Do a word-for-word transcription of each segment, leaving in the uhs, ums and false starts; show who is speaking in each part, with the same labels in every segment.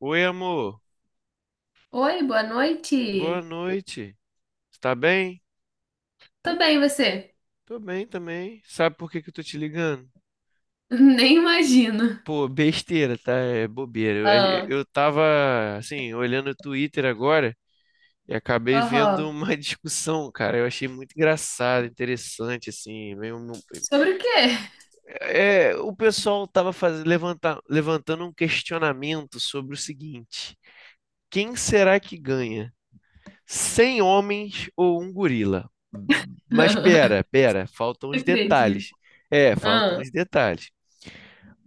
Speaker 1: Oi, amor.
Speaker 2: Oi, boa
Speaker 1: Boa
Speaker 2: noite.
Speaker 1: noite. Você tá bem?
Speaker 2: Tô bem, e você?
Speaker 1: Tô bem também. Sabe por que que eu tô te ligando?
Speaker 2: Nem imagino.
Speaker 1: Pô, besteira, tá? É bobeira. Eu, eu
Speaker 2: Ah,
Speaker 1: eu tava, assim, olhando o Twitter agora e acabei vendo
Speaker 2: aham.
Speaker 1: uma discussão, cara. Eu achei muito engraçado, interessante, assim. meio um-
Speaker 2: Sobre o quê?
Speaker 1: É, o pessoal tava fazendo, levantar, levantando um questionamento sobre o seguinte: quem será que ganha? Cem homens ou um gorila? Mas
Speaker 2: Não
Speaker 1: pera, pera, faltam os
Speaker 2: acredito.
Speaker 1: detalhes. É, faltam
Speaker 2: Ah,
Speaker 1: os detalhes.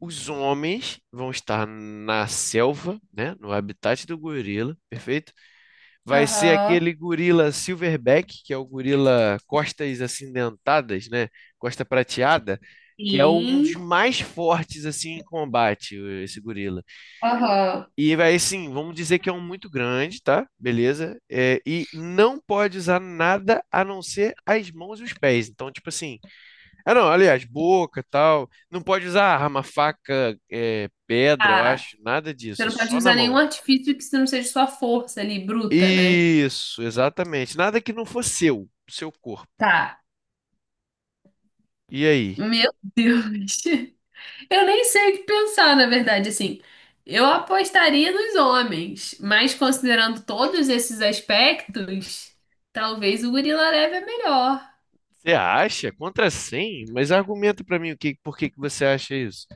Speaker 1: Os homens vão estar na selva, né, no habitat do gorila, perfeito? Vai ser
Speaker 2: aham.
Speaker 1: aquele gorila silverback, que é o gorila costas acidentadas, né, costa prateada, que é um dos
Speaker 2: Sim.
Speaker 1: mais fortes assim em combate, o- esse gorila.
Speaker 2: Aham.
Speaker 1: E vai assim, vamos dizer que é um muito grande, tá? Beleza? É, e não pode usar nada a não ser as mãos e os pés. Então, tipo assim, ah, não, aliás, boca, e tal. Não pode usar arma, faca, é, pedra, eu
Speaker 2: Ah,
Speaker 1: acho, nada
Speaker 2: você
Speaker 1: disso, é
Speaker 2: não pode
Speaker 1: só na
Speaker 2: usar nenhum
Speaker 1: mão.
Speaker 2: artifício que não seja sua força ali, bruta, né?
Speaker 1: Isso, exatamente. Nada que não fosse seu, do seu corpo.
Speaker 2: Tá.
Speaker 1: E aí?
Speaker 2: Meu Deus. Eu nem sei o que pensar, na verdade, assim. Eu apostaria nos homens, mas considerando todos esses aspectos, talvez o gorila leve é melhor.
Speaker 1: Você acha? Contra cem? Mas argumenta pra mim o que, por que que você acha isso?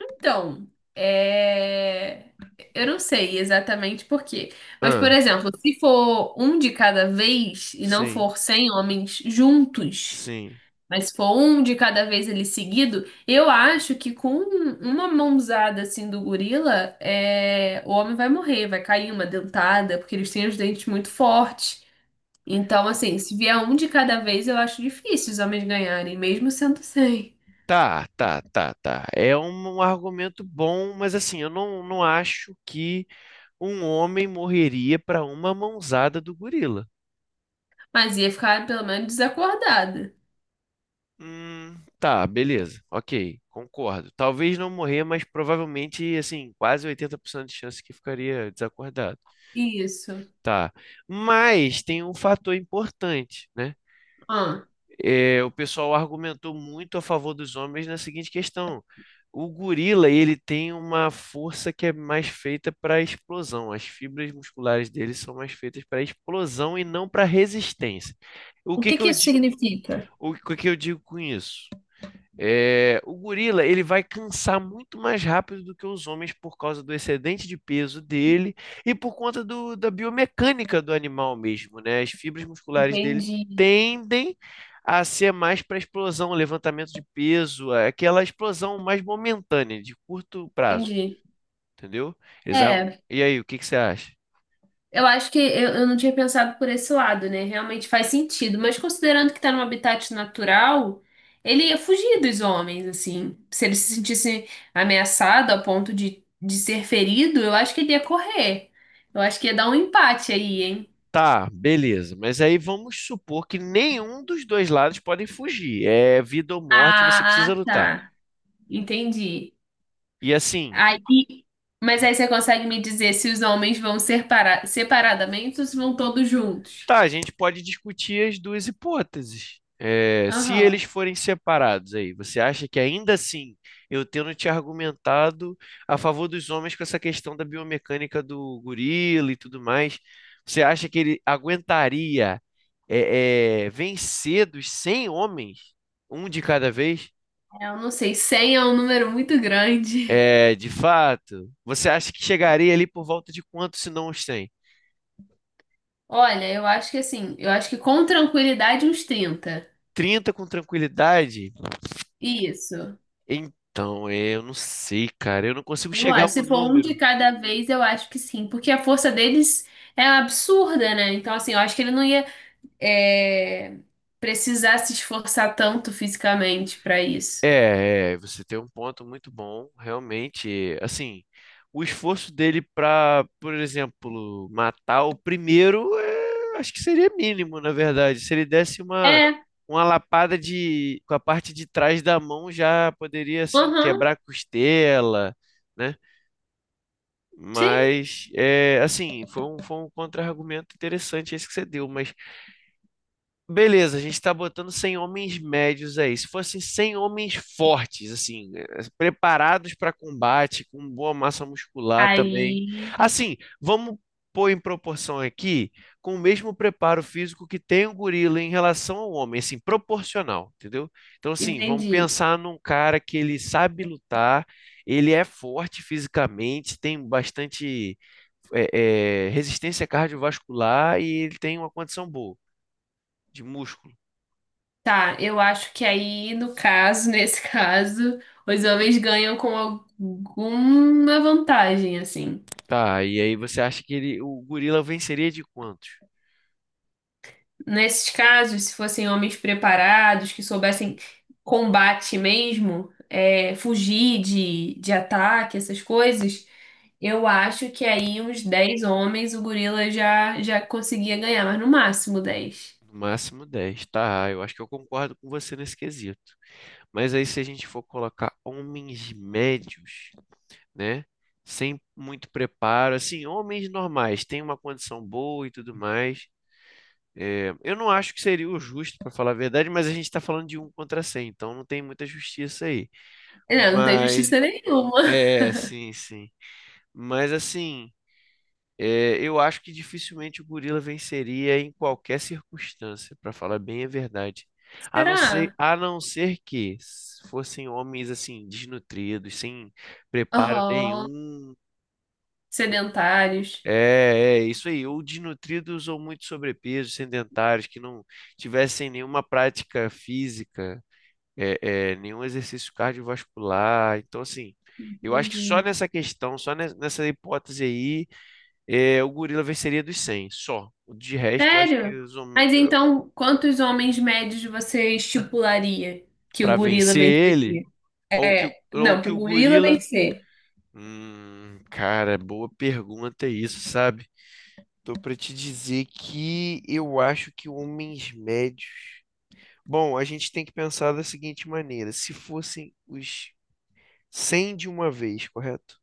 Speaker 2: Então, é... eu não sei exatamente por quê. Mas, por
Speaker 1: Ah,
Speaker 2: exemplo, se for um de cada vez e não
Speaker 1: sim,
Speaker 2: for cem homens juntos,
Speaker 1: sim.
Speaker 2: mas se for um de cada vez ele seguido, eu acho que com uma mãozada assim do gorila, é... o homem vai morrer, vai cair uma dentada, porque eles têm os dentes muito fortes. Então, assim, se vier um de cada vez, eu acho difícil os homens ganharem, mesmo sendo cem.
Speaker 1: Tá, tá, tá, tá. É um, um argumento bom, mas assim, eu não, não acho que um homem morreria pra uma mãozada do gorila.
Speaker 2: Mas ia ficar pelo menos desacordada.
Speaker 1: Hum, tá, beleza. Ok, concordo. Talvez não morrer, mas provavelmente, assim, quase oitenta por cento de chance que ficaria desacordado.
Speaker 2: Isso.
Speaker 1: Tá. Mas tem um fator importante, né?
Speaker 2: Ah,
Speaker 1: É, o pessoal argumentou muito a favor dos homens na seguinte questão. O gorila, ele tem uma força que é mais feita para explosão. As fibras musculares dele são mais feitas para explosão e não para resistência. O
Speaker 2: o
Speaker 1: que
Speaker 2: que
Speaker 1: que
Speaker 2: que
Speaker 1: eu,
Speaker 2: isso
Speaker 1: di-
Speaker 2: significa?
Speaker 1: o que que eu digo com isso? É, o gorila ele vai cansar muito mais rápido do que os homens por causa do excedente de peso dele e por conta do- da biomecânica do animal mesmo, né? As fibras musculares dele
Speaker 2: Entendi,
Speaker 1: tendem a ser mais para explosão, levantamento de peso, aquela explosão mais momentânea, de curto prazo.
Speaker 2: entendi.
Speaker 1: Entendeu? Eles argu-
Speaker 2: É,
Speaker 1: E aí, o que que você acha?
Speaker 2: eu acho que eu, eu não tinha pensado por esse lado, né? Realmente faz sentido, mas considerando que tá num habitat natural, ele ia fugir dos homens, assim. Se ele se sentisse ameaçado a ponto de, de ser ferido, eu acho que ele ia correr. Eu acho que ia dar um empate aí, hein?
Speaker 1: Tá, beleza. Mas aí vamos supor que nenhum dos dois lados podem fugir. É vida ou morte, você precisa
Speaker 2: Ah,
Speaker 1: lutar.
Speaker 2: tá. Entendi.
Speaker 1: E assim,
Speaker 2: Aí, mas aí você consegue me dizer se os homens vão ser para separadamente ou se vão todos juntos?
Speaker 1: tá, a gente pode discutir as duas hipóteses. É, se eles
Speaker 2: Aham.
Speaker 1: forem separados aí, você acha que ainda assim, eu tendo te argumentado a favor dos homens com essa questão da biomecânica do gorila e tudo mais, você acha que ele aguentaria é, é, vencer dos cem homens, um de cada vez?
Speaker 2: É, eu não sei, cem é um número muito grande.
Speaker 1: É, de fato, você acha que chegaria ali por volta de quanto, se não os cem?
Speaker 2: Olha, eu acho que assim, eu acho que com tranquilidade uns trinta.
Speaker 1: Trinta com tranquilidade?
Speaker 2: Isso.
Speaker 1: Então, é, eu não sei, cara. Eu não consigo
Speaker 2: Eu
Speaker 1: chegar a
Speaker 2: acho, se
Speaker 1: um
Speaker 2: for um de
Speaker 1: número.
Speaker 2: cada vez, eu acho que sim, porque a força deles é absurda, né? Então, assim, eu acho que ele não ia é, precisar se esforçar tanto fisicamente pra isso.
Speaker 1: É, é, você tem um ponto muito bom, realmente. Assim, o esforço dele pra, por exemplo, matar o primeiro, é, acho que seria mínimo, na verdade. Se ele desse uma,
Speaker 2: É,
Speaker 1: uma lapada de, com a parte de trás da mão, já poderia, assim,
Speaker 2: aham,
Speaker 1: quebrar a costela, né?
Speaker 2: sim.
Speaker 1: Mas, é, assim, foi um, foi um contra-argumento interessante esse que você deu, mas. Beleza, a gente está botando cem homens médios aí. Se fossem cem homens fortes, assim, eh, preparados para combate, com boa massa muscular também.
Speaker 2: Aí,
Speaker 1: Assim, vamos pôr em proporção aqui, com o mesmo preparo físico que tem o gorila em relação ao homem, assim, proporcional, entendeu? Então, assim, vamos
Speaker 2: entendi.
Speaker 1: pensar num cara que ele sabe lutar, ele é forte fisicamente, tem bastante, eh, eh, resistência cardiovascular e ele tem uma condição boa de músculo.
Speaker 2: Tá, eu acho que aí, no caso, nesse caso, os homens ganham com alguma vantagem, assim.
Speaker 1: Tá, e aí você acha que ele, o gorila venceria de quantos?
Speaker 2: Nesses casos, se fossem homens preparados, que soubessem combate mesmo, é, fugir de, de ataque, essas coisas, eu acho que aí uns dez homens o gorila já, já conseguia ganhar, mas no máximo dez.
Speaker 1: No máximo dez tá? Eu acho que eu concordo com você nesse quesito. Mas aí se a gente for colocar homens médios, né? Sem muito preparo, assim, homens normais, têm uma condição boa e tudo mais. É, eu não acho que seria o justo, para falar a verdade, mas a gente está falando de um contra cem então não tem muita justiça aí.
Speaker 2: Não, não tem
Speaker 1: Mas,
Speaker 2: justiça nenhuma.
Speaker 1: é, sim, sim. Mas assim. É, eu acho que dificilmente o gorila venceria em qualquer circunstância, para falar bem a verdade. A não ser,
Speaker 2: Será?
Speaker 1: a não ser que s- fossem homens assim, desnutridos, sem preparo
Speaker 2: Aham,
Speaker 1: nenhum.
Speaker 2: sedentários.
Speaker 1: É, é isso aí, ou desnutridos ou muito sobrepeso, sedentários, que não tivessem nenhuma prática física, é, é, nenhum exercício cardiovascular. Então, assim, eu acho que só
Speaker 2: Entendi.
Speaker 1: nessa questão, só ne- nessa hipótese aí é, o gorila venceria dos cem, só. De resto, eu acho que
Speaker 2: Sério?
Speaker 1: os hom-
Speaker 2: Mas então, quantos homens médios você estipularia que o
Speaker 1: pra
Speaker 2: gorila
Speaker 1: vencer ele,
Speaker 2: venceria?
Speaker 1: ou que, o- ou
Speaker 2: Não,
Speaker 1: que
Speaker 2: pro
Speaker 1: o
Speaker 2: gorila
Speaker 1: gorila.
Speaker 2: vencer.
Speaker 1: Hum, cara, boa pergunta isso, sabe? Tô pra te dizer que eu acho que homens médios. Bom, a gente tem que pensar da seguinte maneira: se fossem os cem de uma vez, correto?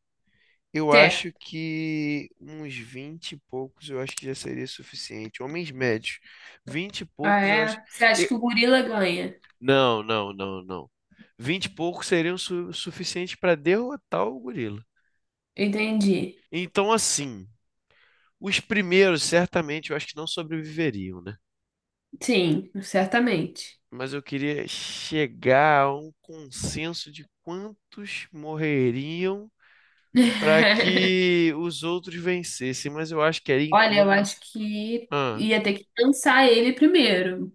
Speaker 1: Eu acho
Speaker 2: Certo.
Speaker 1: que uns vinte e poucos eu acho que já seria suficiente. Homens médios, vinte e
Speaker 2: Ah,
Speaker 1: poucos eu acho.
Speaker 2: é? Você acha que o gorila ganha?
Speaker 1: Não, não, não, não. Vinte e poucos seriam su suficientes para derrotar o gorila.
Speaker 2: Entendi.
Speaker 1: Então, assim, os primeiros certamente eu acho que não sobreviveriam, né?
Speaker 2: Sim, certamente.
Speaker 1: Mas eu queria chegar a um consenso de quantos morreriam para que os outros vencessem, mas eu acho que ali em
Speaker 2: Olha, eu
Speaker 1: torno.
Speaker 2: acho que
Speaker 1: Ah,
Speaker 2: ia ter que cansar ele primeiro,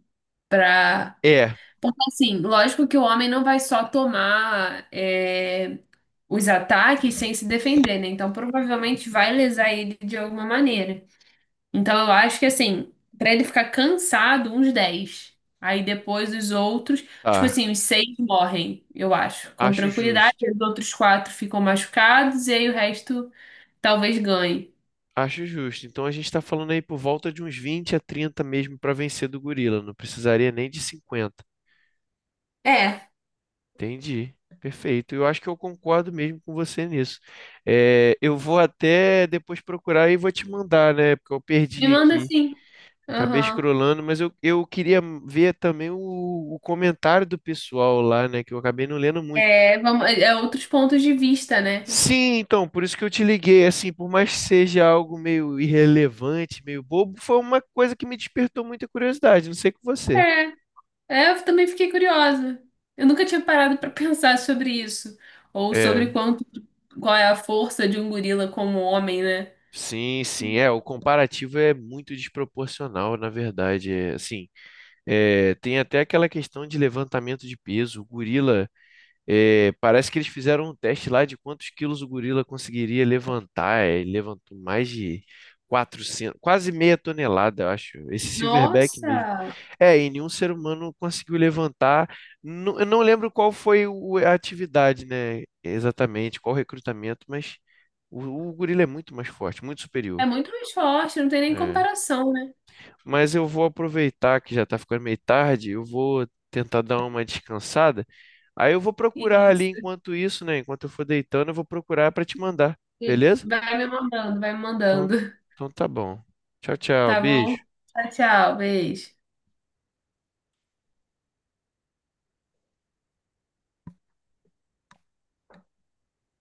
Speaker 2: pra...
Speaker 1: é,
Speaker 2: Porque, assim, lógico que o homem não vai só tomar é, os ataques sem se defender, né? Então, provavelmente vai lesar ele de alguma maneira. Então eu acho que assim, pra ele ficar cansado, uns dez. Aí depois os outros, tipo
Speaker 1: tá.
Speaker 2: assim, os seis morrem, eu acho, com
Speaker 1: Acho
Speaker 2: tranquilidade.
Speaker 1: justo.
Speaker 2: Os outros quatro ficam machucados e aí o resto talvez ganhe.
Speaker 1: Acho justo. Então a gente está falando aí por volta de uns vinte a trinta mesmo para vencer do gorila. Não precisaria nem de cinquenta.
Speaker 2: É,
Speaker 1: Entendi. Perfeito. Eu acho que eu concordo mesmo com você nisso. É, eu vou até depois procurar e vou te mandar, né? Porque eu
Speaker 2: me
Speaker 1: perdi
Speaker 2: manda
Speaker 1: aqui.
Speaker 2: assim.
Speaker 1: Acabei
Speaker 2: Aham.
Speaker 1: escrolando, mas eu, eu queria ver também o, o comentário do pessoal lá, né? Que eu acabei não lendo muito.
Speaker 2: É, vamos, é é outros pontos de vista, né?
Speaker 1: Sim, então, por isso que eu te liguei. Assim, por mais que seja algo meio irrelevante, meio bobo, foi uma coisa que me despertou muita curiosidade. Não sei com você.
Speaker 2: É, é, eu também fiquei curiosa. Eu nunca tinha parado pra pensar sobre isso. Ou sobre
Speaker 1: É,
Speaker 2: quanto, qual é a força de um gorila como homem, né?
Speaker 1: sim, sim, é, o comparativo é muito desproporcional, na verdade, é, assim, é, tem até aquela questão de levantamento de peso. O gorila, é, parece que eles fizeram um teste lá de quantos quilos o gorila conseguiria levantar. É, ele levantou mais de quatrocentos, quase meia tonelada, eu acho. Esse silverback mesmo.
Speaker 2: Nossa!
Speaker 1: É, e nenhum ser humano conseguiu levantar. Nu- eu não lembro qual foi o- a atividade, né? Exatamente, qual o recrutamento, mas o, o gorila é muito mais forte, muito superior.
Speaker 2: É muito mais forte, não tem nem
Speaker 1: É.
Speaker 2: comparação, né?
Speaker 1: Mas eu vou aproveitar que já tá ficando meio tarde, eu vou tentar dar uma descansada. Aí eu vou procurar ali
Speaker 2: Isso,
Speaker 1: enquanto isso, né? Enquanto eu for deitando, eu vou procurar para te mandar,
Speaker 2: isso.
Speaker 1: beleza?
Speaker 2: Vai me mandando, vai me
Speaker 1: Então,
Speaker 2: mandando.
Speaker 1: então tá bom. Tchau, tchau,
Speaker 2: Tá bom?
Speaker 1: beijo.
Speaker 2: Tchau, tchau, beijo.